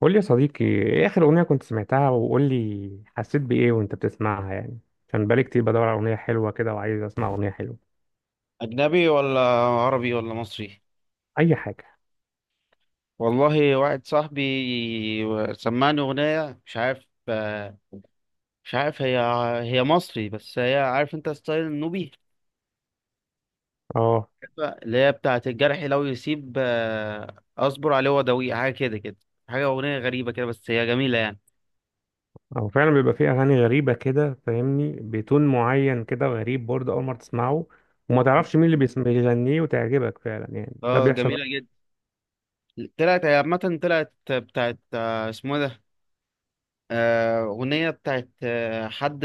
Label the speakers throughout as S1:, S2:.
S1: قول لي يا صديقي، ايه اخر اغنيه كنت سمعتها؟ وقول لي حسيت بايه وانت بتسمعها يعني. عشان بقالي كتير بدور على اغنيه حلوه كده، وعايز اسمع اغنيه حلوه.
S2: أجنبي ولا عربي ولا مصري؟
S1: اي حاجه.
S2: والله، واحد صاحبي سمعني أغنية. مش عارف هي مصري، بس هي، عارف أنت ستايل النوبي،
S1: اه.
S2: اللي هي بتاعة الجرح لو يسيب أصبر عليه وداويه، حاجة كده كده. حاجة، أغنية غريبة كده، بس هي جميلة يعني.
S1: فعلا بيبقى فيه اغاني غريبه كده، فاهمني، بتون معين كده غريب برضه اول مره تسمعه، وما تعرفش مين اللي بيغنيه، وتعجبك فعلا يعني. ده
S2: اه،
S1: بيحصل
S2: جميلة
S1: كتير.
S2: جدا. طلعت، هي عامة طلعت بتاعت اسمه إيه ده، أغنية بتاعت حد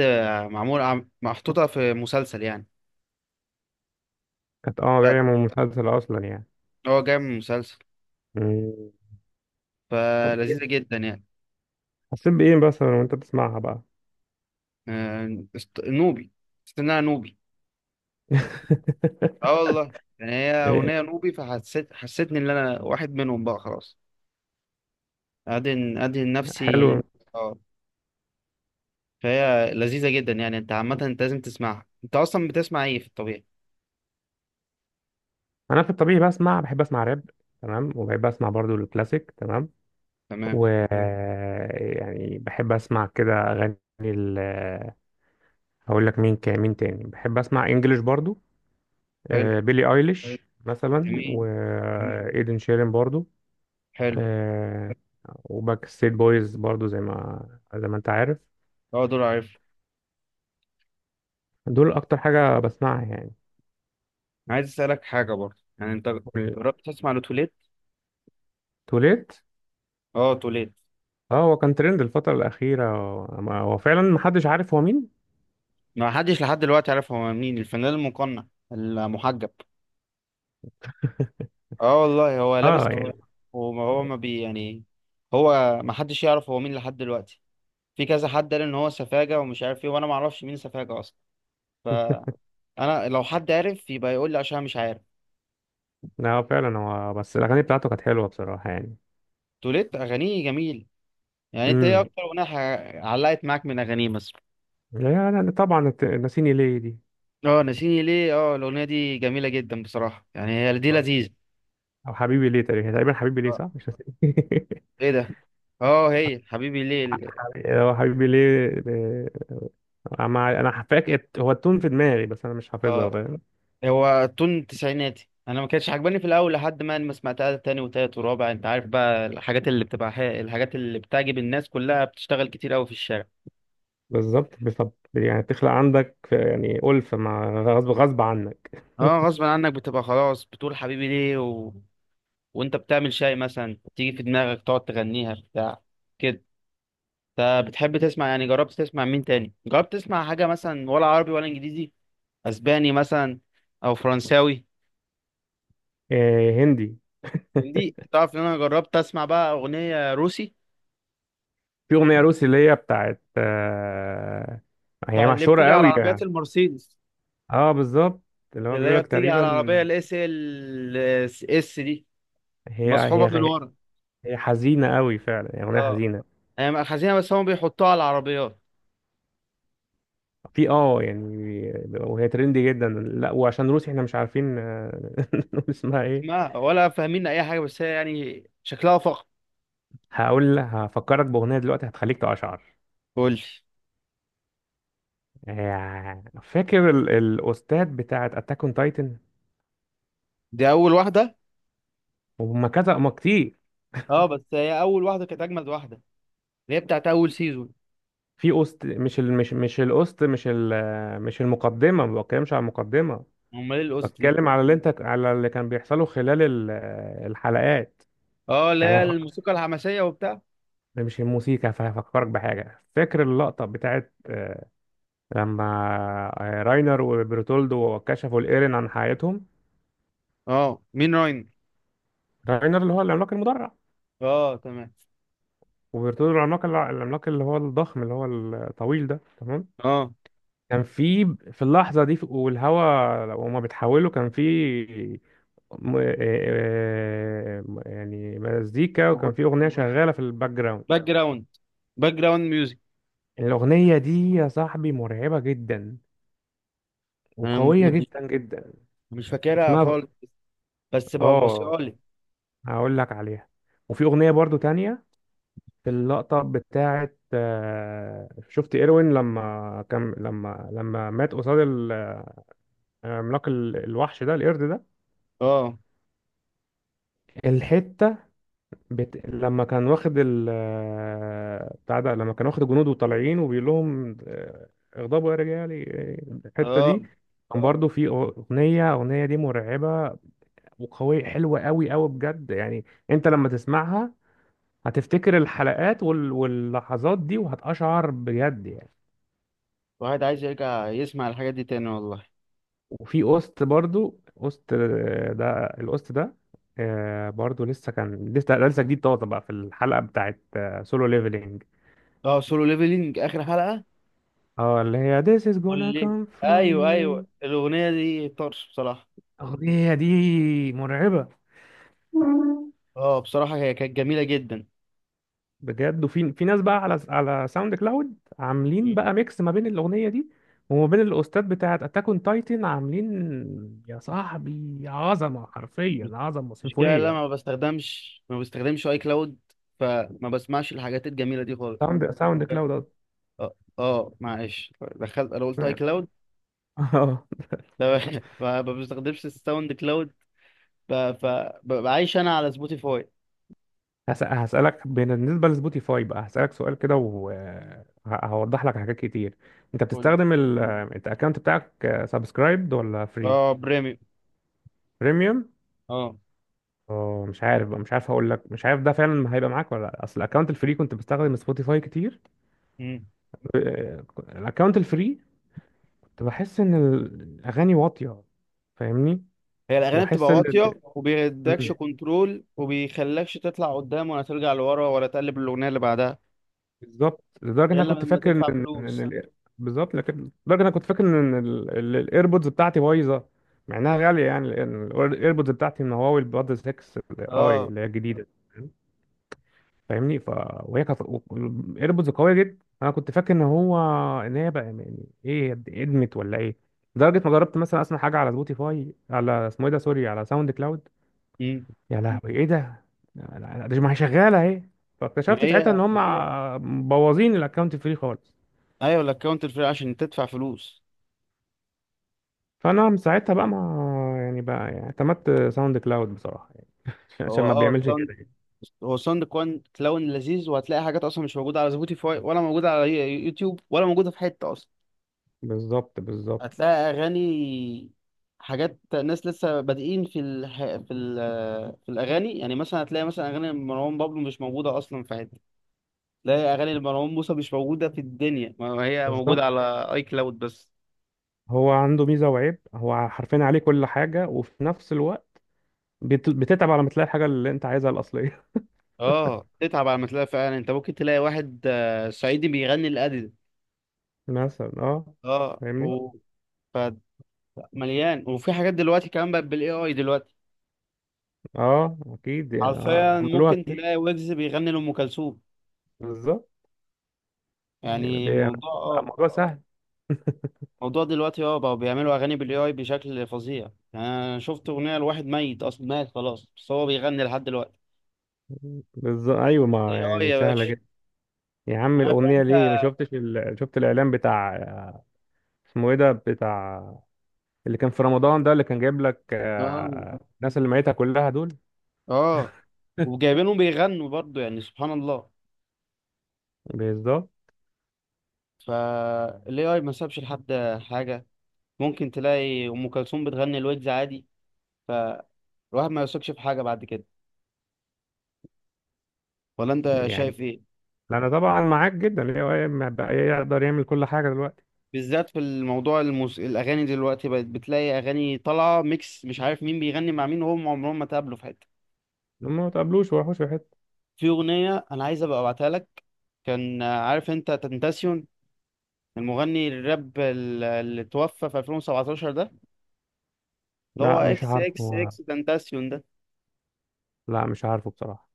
S2: معمول محطوطة في مسلسل يعني.
S1: كانت جايه من مسلسل اصلا يعني.
S2: اه جاي من مسلسل.
S1: مم. طب
S2: فلذيذة
S1: إيه؟
S2: جدا يعني.
S1: حسيت بايه مثلا وانت بتسمعها بقى؟
S2: آه، نوبي. حسيت إن أنا نوبي. اه والله، يعني هي
S1: إيه؟
S2: أغنية نوبي، فحسيت حسيتني إن أنا واحد منهم بقى خلاص. أدهن
S1: حلو.
S2: نفسي. اه. فهي لذيذة جدا يعني. أنت عامة، أنت لازم تسمعها. أنت أصلا بتسمع إيه في الطبيعي؟
S1: انا في الطبيعي بحب اسمع راب، تمام. وبحب اسمع برضو الكلاسيك، تمام.
S2: تمام.
S1: و يعني بحب اسمع كده اغاني هقول لك مين تاني بحب اسمع انجلش برضو.
S2: حلو.
S1: بيلي ايليش مثلا،
S2: جميل.
S1: وايدن شيرين برضو.
S2: حلو.
S1: آه، وباك ستيت بويز برضو، زي ما انت عارف.
S2: اه، دول عارف.
S1: دول اكتر حاجة بسمعها يعني.
S2: عايز أسألك حاجة برضه يعني. أنت جربت تسمع لتوليت؟
S1: توليت.
S2: اه، توليت.
S1: اه، هو كان ترند الفترة الأخيرة، هو فعلا محدش عارف هو مين.
S2: ما حدش لحد دلوقتي عارف هو مين، الفنان المقنع المحجب. اه والله، هو لابس
S1: اه يعني.
S2: كلام. وما هو ما بي يعني. هو ما حدش يعرف هو مين لحد دلوقتي. في كذا حد قال ان هو سفاجة ومش عارف ايه، وانا ما اعرفش مين سفاجة اصلا. فانا، لو حد عارف يبقى يقول لي، عشان أنا مش عارف.
S1: لا، هو فعلا، هو بس الاغاني بتاعته كانت حلوه بصراحه يعني.
S2: توليت اغانيه جميل. يعني انت ايه
S1: امم
S2: اكتر اغنية علقت معاك من اغانيه مثلا؟
S1: يعني طبعا ناسيني ليه دي.
S2: اه ناسيني ليه، اه الاغنية دي جميلة جدا بصراحة، يعني هي دي لذيذة.
S1: او حبيبي ليه، تقريبا حبيبي ليه
S2: آه،
S1: صح، مش ناسيني.
S2: ايه ده؟ اه، هي حبيبي ليه.
S1: هو حبيبي ليه. انا فاكر هو التون في دماغي، بس انا مش حافظها،
S2: اه،
S1: فاهم.
S2: هو تون تسعيناتي. انا ما كانتش عجباني في الاول، لحد ما سمعتها تاني وتالت ورابع. انت عارف بقى، الحاجات اللي بتبقى الحاجات اللي بتعجب الناس كلها بتشتغل كتير قوي في الشارع.
S1: بالظبط يعني تخلق عندك يعني ألفة، مع غصب غصب عنك.
S2: اه غصب عنك، بتبقى خلاص بتقول حبيبي ليه. وانت بتعمل شاي مثلا تيجي في دماغك تقعد تغنيها، بتاع كده. انت بتحب تسمع يعني، جربت تسمع مين تاني؟ جربت تسمع حاجة مثلا، ولا عربي ولا انجليزي، اسباني مثلا او فرنساوي؟
S1: هندي.
S2: من دي تعرف ان انا جربت اسمع بقى اغنية روسي.
S1: في أغنية روسي اللي هي بتاعت هي
S2: طيب، اللي بتيجي
S1: مشهورة
S2: على
S1: قوي
S2: عربيات
S1: يعني.
S2: المرسيدس،
S1: اه بالظبط. اللي هو
S2: اللي هي
S1: بيقولك
S2: بتيجي على
S1: تقريبا.
S2: العربية الاس ال اس دي،
S1: هي
S2: مصحوبه من
S1: هي
S2: ورا.
S1: هي حزينة قوي فعلا يعني، أغنية
S2: اه،
S1: حزينة.
S2: هي مأخذينها، بس هم بيحطوها على العربيات.
S1: في يعني. وهي ترندي جدا، لا وعشان روسي احنا مش عارفين نقول اسمها ايه.
S2: اسمها ولا فاهمين اي حاجة، بس هي يعني شكلها فخم.
S1: هفكرك بأغنية دلوقتي هتخليك تقشعر.
S2: قول لي.
S1: فاكر الأوستات بتاعت أتاك أون تايتن؟
S2: دي اول واحده.
S1: وهم كذا ما كتير.
S2: اه، بس هي اول واحدة كانت اجمد واحدة، اللي هي بتاعت اول سيزون.
S1: في أوست، مش ال... مش مش الأوست مش ال... مش المقدمة، ما بتكلمش على المقدمة.
S2: امال ايه القصة دي؟
S1: بتكلم على اللي انت على اللي كان بيحصله خلال الحلقات
S2: اه، اللي
S1: يعني.
S2: هي الموسيقى الحماسية وبتاع.
S1: ده مش الموسيقى، فهفكرك بحاجة. فاكر اللقطة بتاعت لما راينر وبرتولدو كشفوا الإيرين عن حياتهم؟
S2: اه، مين راين؟
S1: راينر اللي هو العملاق المدرع،
S2: اه تمام.
S1: وبرتولدو العملاق اللي هو الضخم، اللي هو الطويل ده، تمام.
S2: اه.
S1: كان في اللحظة دي، والهوا وهما بيتحولوا، كان في يعني مزيكا، وكان
S2: أخو-
S1: في أغنية شغالة في الباك جراوند.
S2: باك جراوند باك جراوند ميوزك.
S1: الأغنية دي يا صاحبي مرعبة جدا،
S2: انا مش
S1: وقوية
S2: مش
S1: جدا جدا.
S2: مش فاكرها
S1: اسمها
S2: خالص، بس
S1: اه
S2: ببصيها لي.
S1: هقول لك عليها. وفي اغنيه برضو تانية، في اللقطه بتاعه شفت ايروين لما كان لما لما مات قصاد الوحش ده، القرد ده.
S2: اه،
S1: الحته لما كان واخد ال آه، بتاع ده لما كان واخد الجنود وطالعين، وبيقول لهم اغضبوا يا رجالي الحته دي
S2: اه.
S1: كان. اه، برضو في اغنيه، دي مرعبه وقويه، حلوه قوي قوي بجد يعني. انت لما تسمعها هتفتكر الحلقات واللحظات دي، وهتقشعر بجد يعني.
S2: واحد عايز يرجع يسمع الحاجات دي تاني والله.
S1: وفي قسط برضو، قسط آه، ده القسط ده برضو لسه، كان لسه ده لسه جديد طازه بقى، في الحلقه بتاعت سولو ليفلينج.
S2: اه سولو ليفلينج، اخر حلقة.
S1: اه، اللي هي This is
S2: قول
S1: gonna
S2: لي.
S1: come from
S2: ايوه،
S1: me.
S2: ايوه، الاغنية دي طرش بصراحة.
S1: الأغنية دي مرعبة
S2: اه بصراحة، هي كانت جميلة جدا.
S1: بجد. وفي ناس بقى على ساوند كلاود، عاملين
S2: مم.
S1: بقى ميكس ما بين الاغنيه دي وما بين الاوستات بتاعت اتاك اون تايتن. عاملين يا صاحبي عظمه، حرفيا عظمه
S2: المشكلة إن انا
S1: سيمفونيه.
S2: ما بستخدمش اي كلاود، فما بسمعش الحاجات الجميلة دي خالص.
S1: ساوند كلاود قصدي.
S2: اه، اه، معلش، دخلت انا قلت اي
S1: تمام.
S2: كلاود.
S1: اه.
S2: فما بستخدمش الساوند كلاود. ببقى عايش انا على سبوتيفاي.
S1: هسألك بالنسبة لسبوتيفاي بقى، هسألك سؤال كده وهوضح لك حاجات كتير.
S2: قول.
S1: انت الاكونت بتاعك سبسكرايبد ولا فري؟
S2: اه، بريميوم.
S1: بريميوم. اه، مش عارف، هقول لك، مش عارف ده فعلا هيبقى معاك ولا لا. اصل الاكونت الفري، كنت بستخدم سبوتيفاي كتير
S2: اه،
S1: الاكونت الفري، كنت بحس ان الاغاني واطيه، فاهمني.
S2: هي الاغاني
S1: واحس
S2: بتبقى
S1: ان
S2: واطيه، وبيدكش
S1: مم،
S2: كنترول، وبيخلكش تطلع قدام ولا ترجع لورا ولا تقلب الاغنيه اللي بعدها.
S1: بالظبط. لدرجه ان
S2: غير
S1: انا كنت
S2: لما
S1: فاكر ان
S2: تدفع
S1: إن- إن
S2: فلوس.
S1: ال- بالظبط. لكن لدرجه ان انا كنت فاكر ان الايربودز بتاعتي بايظه، مع انها غاليه يعني. الايربودز بتاعتي من هواوي، البادز 6، اي
S2: اه.
S1: اللي هي الجديده، فاهمني. ف وهي كانت الايربودز قويه جدا، انا كنت فاكر ان هو ان هي بقى يعني ايه، ادمت ولا ايه. لدرجه ما جربت مثلا اسمع حاجه على سبوتيفاي، على اسمه ايه ده، سوري، على ساوند كلاود.
S2: امم.
S1: يا لهوي ايه ده، ده ما هي شغاله اهي.
S2: ما
S1: فاكتشفت ساعتها
S2: هي.
S1: ان هم، ايوه، مبوظين الاكونت فري خالص.
S2: ايوه، الاكونت الفري، عشان تدفع فلوس.
S1: فانا من ساعتها بقى ما يعني، بقى يعني اعتمدت ساوند كلاود بصراحه يعني، عشان
S2: هو
S1: ما
S2: اه
S1: بيعملش كده
S2: ساوند
S1: يعني.
S2: هو ساوند كوان كلاون لذيذ، وهتلاقي حاجات اصلا مش موجوده على سبوتيفاي، ولا موجوده على يوتيوب، ولا موجوده في حته اصلا.
S1: بالظبط، بالظبط،
S2: هتلاقي اغاني، حاجات، ناس لسه بادئين في الح... في ال... في الاغاني. يعني مثلا هتلاقي مثلا اغاني مروان بابلو مش موجوده اصلا في حته. لا، يا اغاني لمروان موسى مش موجوده في الدنيا، ما هي
S1: بالظبط.
S2: موجوده على اي كلاود بس.
S1: هو عنده ميزه وعيب، هو حرفيا عليه كل حاجه، وفي نفس الوقت بتتعب على ما تلاقي الحاجة اللي انت عايزها الأصلية.
S2: اه، تتعب على ما تلاقي فعلا. انت ممكن تلاقي واحد صعيدي بيغني الادل.
S1: مثلا اه.
S2: اه.
S1: فاهمني.
S2: و ف- مليان. وفي حاجات دلوقتي كمان بقت بالاي اي دلوقتي.
S1: اه اكيد يعني،
S2: حرفيا
S1: عملوها
S2: ممكن
S1: كتير.
S2: تلاقي ويجز بيغني لام كلثوم.
S1: بالظبط. يعني
S2: يعني
S1: دي-
S2: موضوع اه
S1: الموضوع سهل.
S2: موضوع دلوقتي، اه، بقوا بيعملوا اغاني بالاي اي بشكل فظيع. يعني انا شفت اغنيه لواحد ميت اصلا، مات خلاص، بس هو بيغني لحد دلوقتي.
S1: بالظبط. ايوه ما
S2: اي اي
S1: يعني
S2: يا
S1: سهلة
S2: باشا.
S1: جدا. يا عم
S2: عارف
S1: الأغنية،
S2: انت.
S1: ليه ما شفتش شفت الإعلان بتاع، اسمه ايه ده، بتاع اللي كان في رمضان ده، اللي كان جايب لك
S2: اه،
S1: الناس اللي ميتها كلها دول.
S2: اه، وجايبينهم بيغنوا برضو يعني، سبحان الله.
S1: بالظبط
S2: فالاي اي ما سابش لحد حاجه. ممكن تلاقي ام كلثوم بتغني الويجز عادي. فالواحد ما يثقش في حاجه بعد كده. ولا انت
S1: يعني.
S2: شايف ايه؟
S1: انا طبعا معاك جدا، اللي هو ما بقى يقدر يعمل كل حاجة دلوقتي.
S2: بالذات في الموضوع، الاغاني دلوقتي بقت، بتلاقي اغاني طالعه ميكس، مش عارف مين بيغني مع مين، وهم عمرهم ما تقابلوا في حته.
S1: هم ما تقابلوش وحوش في حتة.
S2: في اغنيه انا عايز ابقى ابعتها لك. كان عارف انت تنتاسيون، المغني الراب اللي توفى في 2017 ده، اللي هو
S1: لا، مش
S2: اكس
S1: عارف
S2: اكس
S1: هو.
S2: اكس تنتاسيون ده.
S1: لا، مش عارفه بصراحة.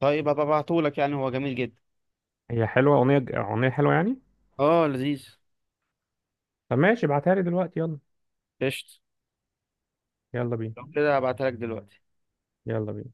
S2: طيب، هبقى ابعتهولك، يعني هو جميل جدا.
S1: هي حلوة، أغنية حلوة يعني.
S2: اه لذيذ.
S1: طب ماشي، ابعتها لي دلوقتي، يلا.
S2: قشطة.
S1: يلا بينا.
S2: لو كده هبعتها لك دلوقتي.
S1: يلا بينا.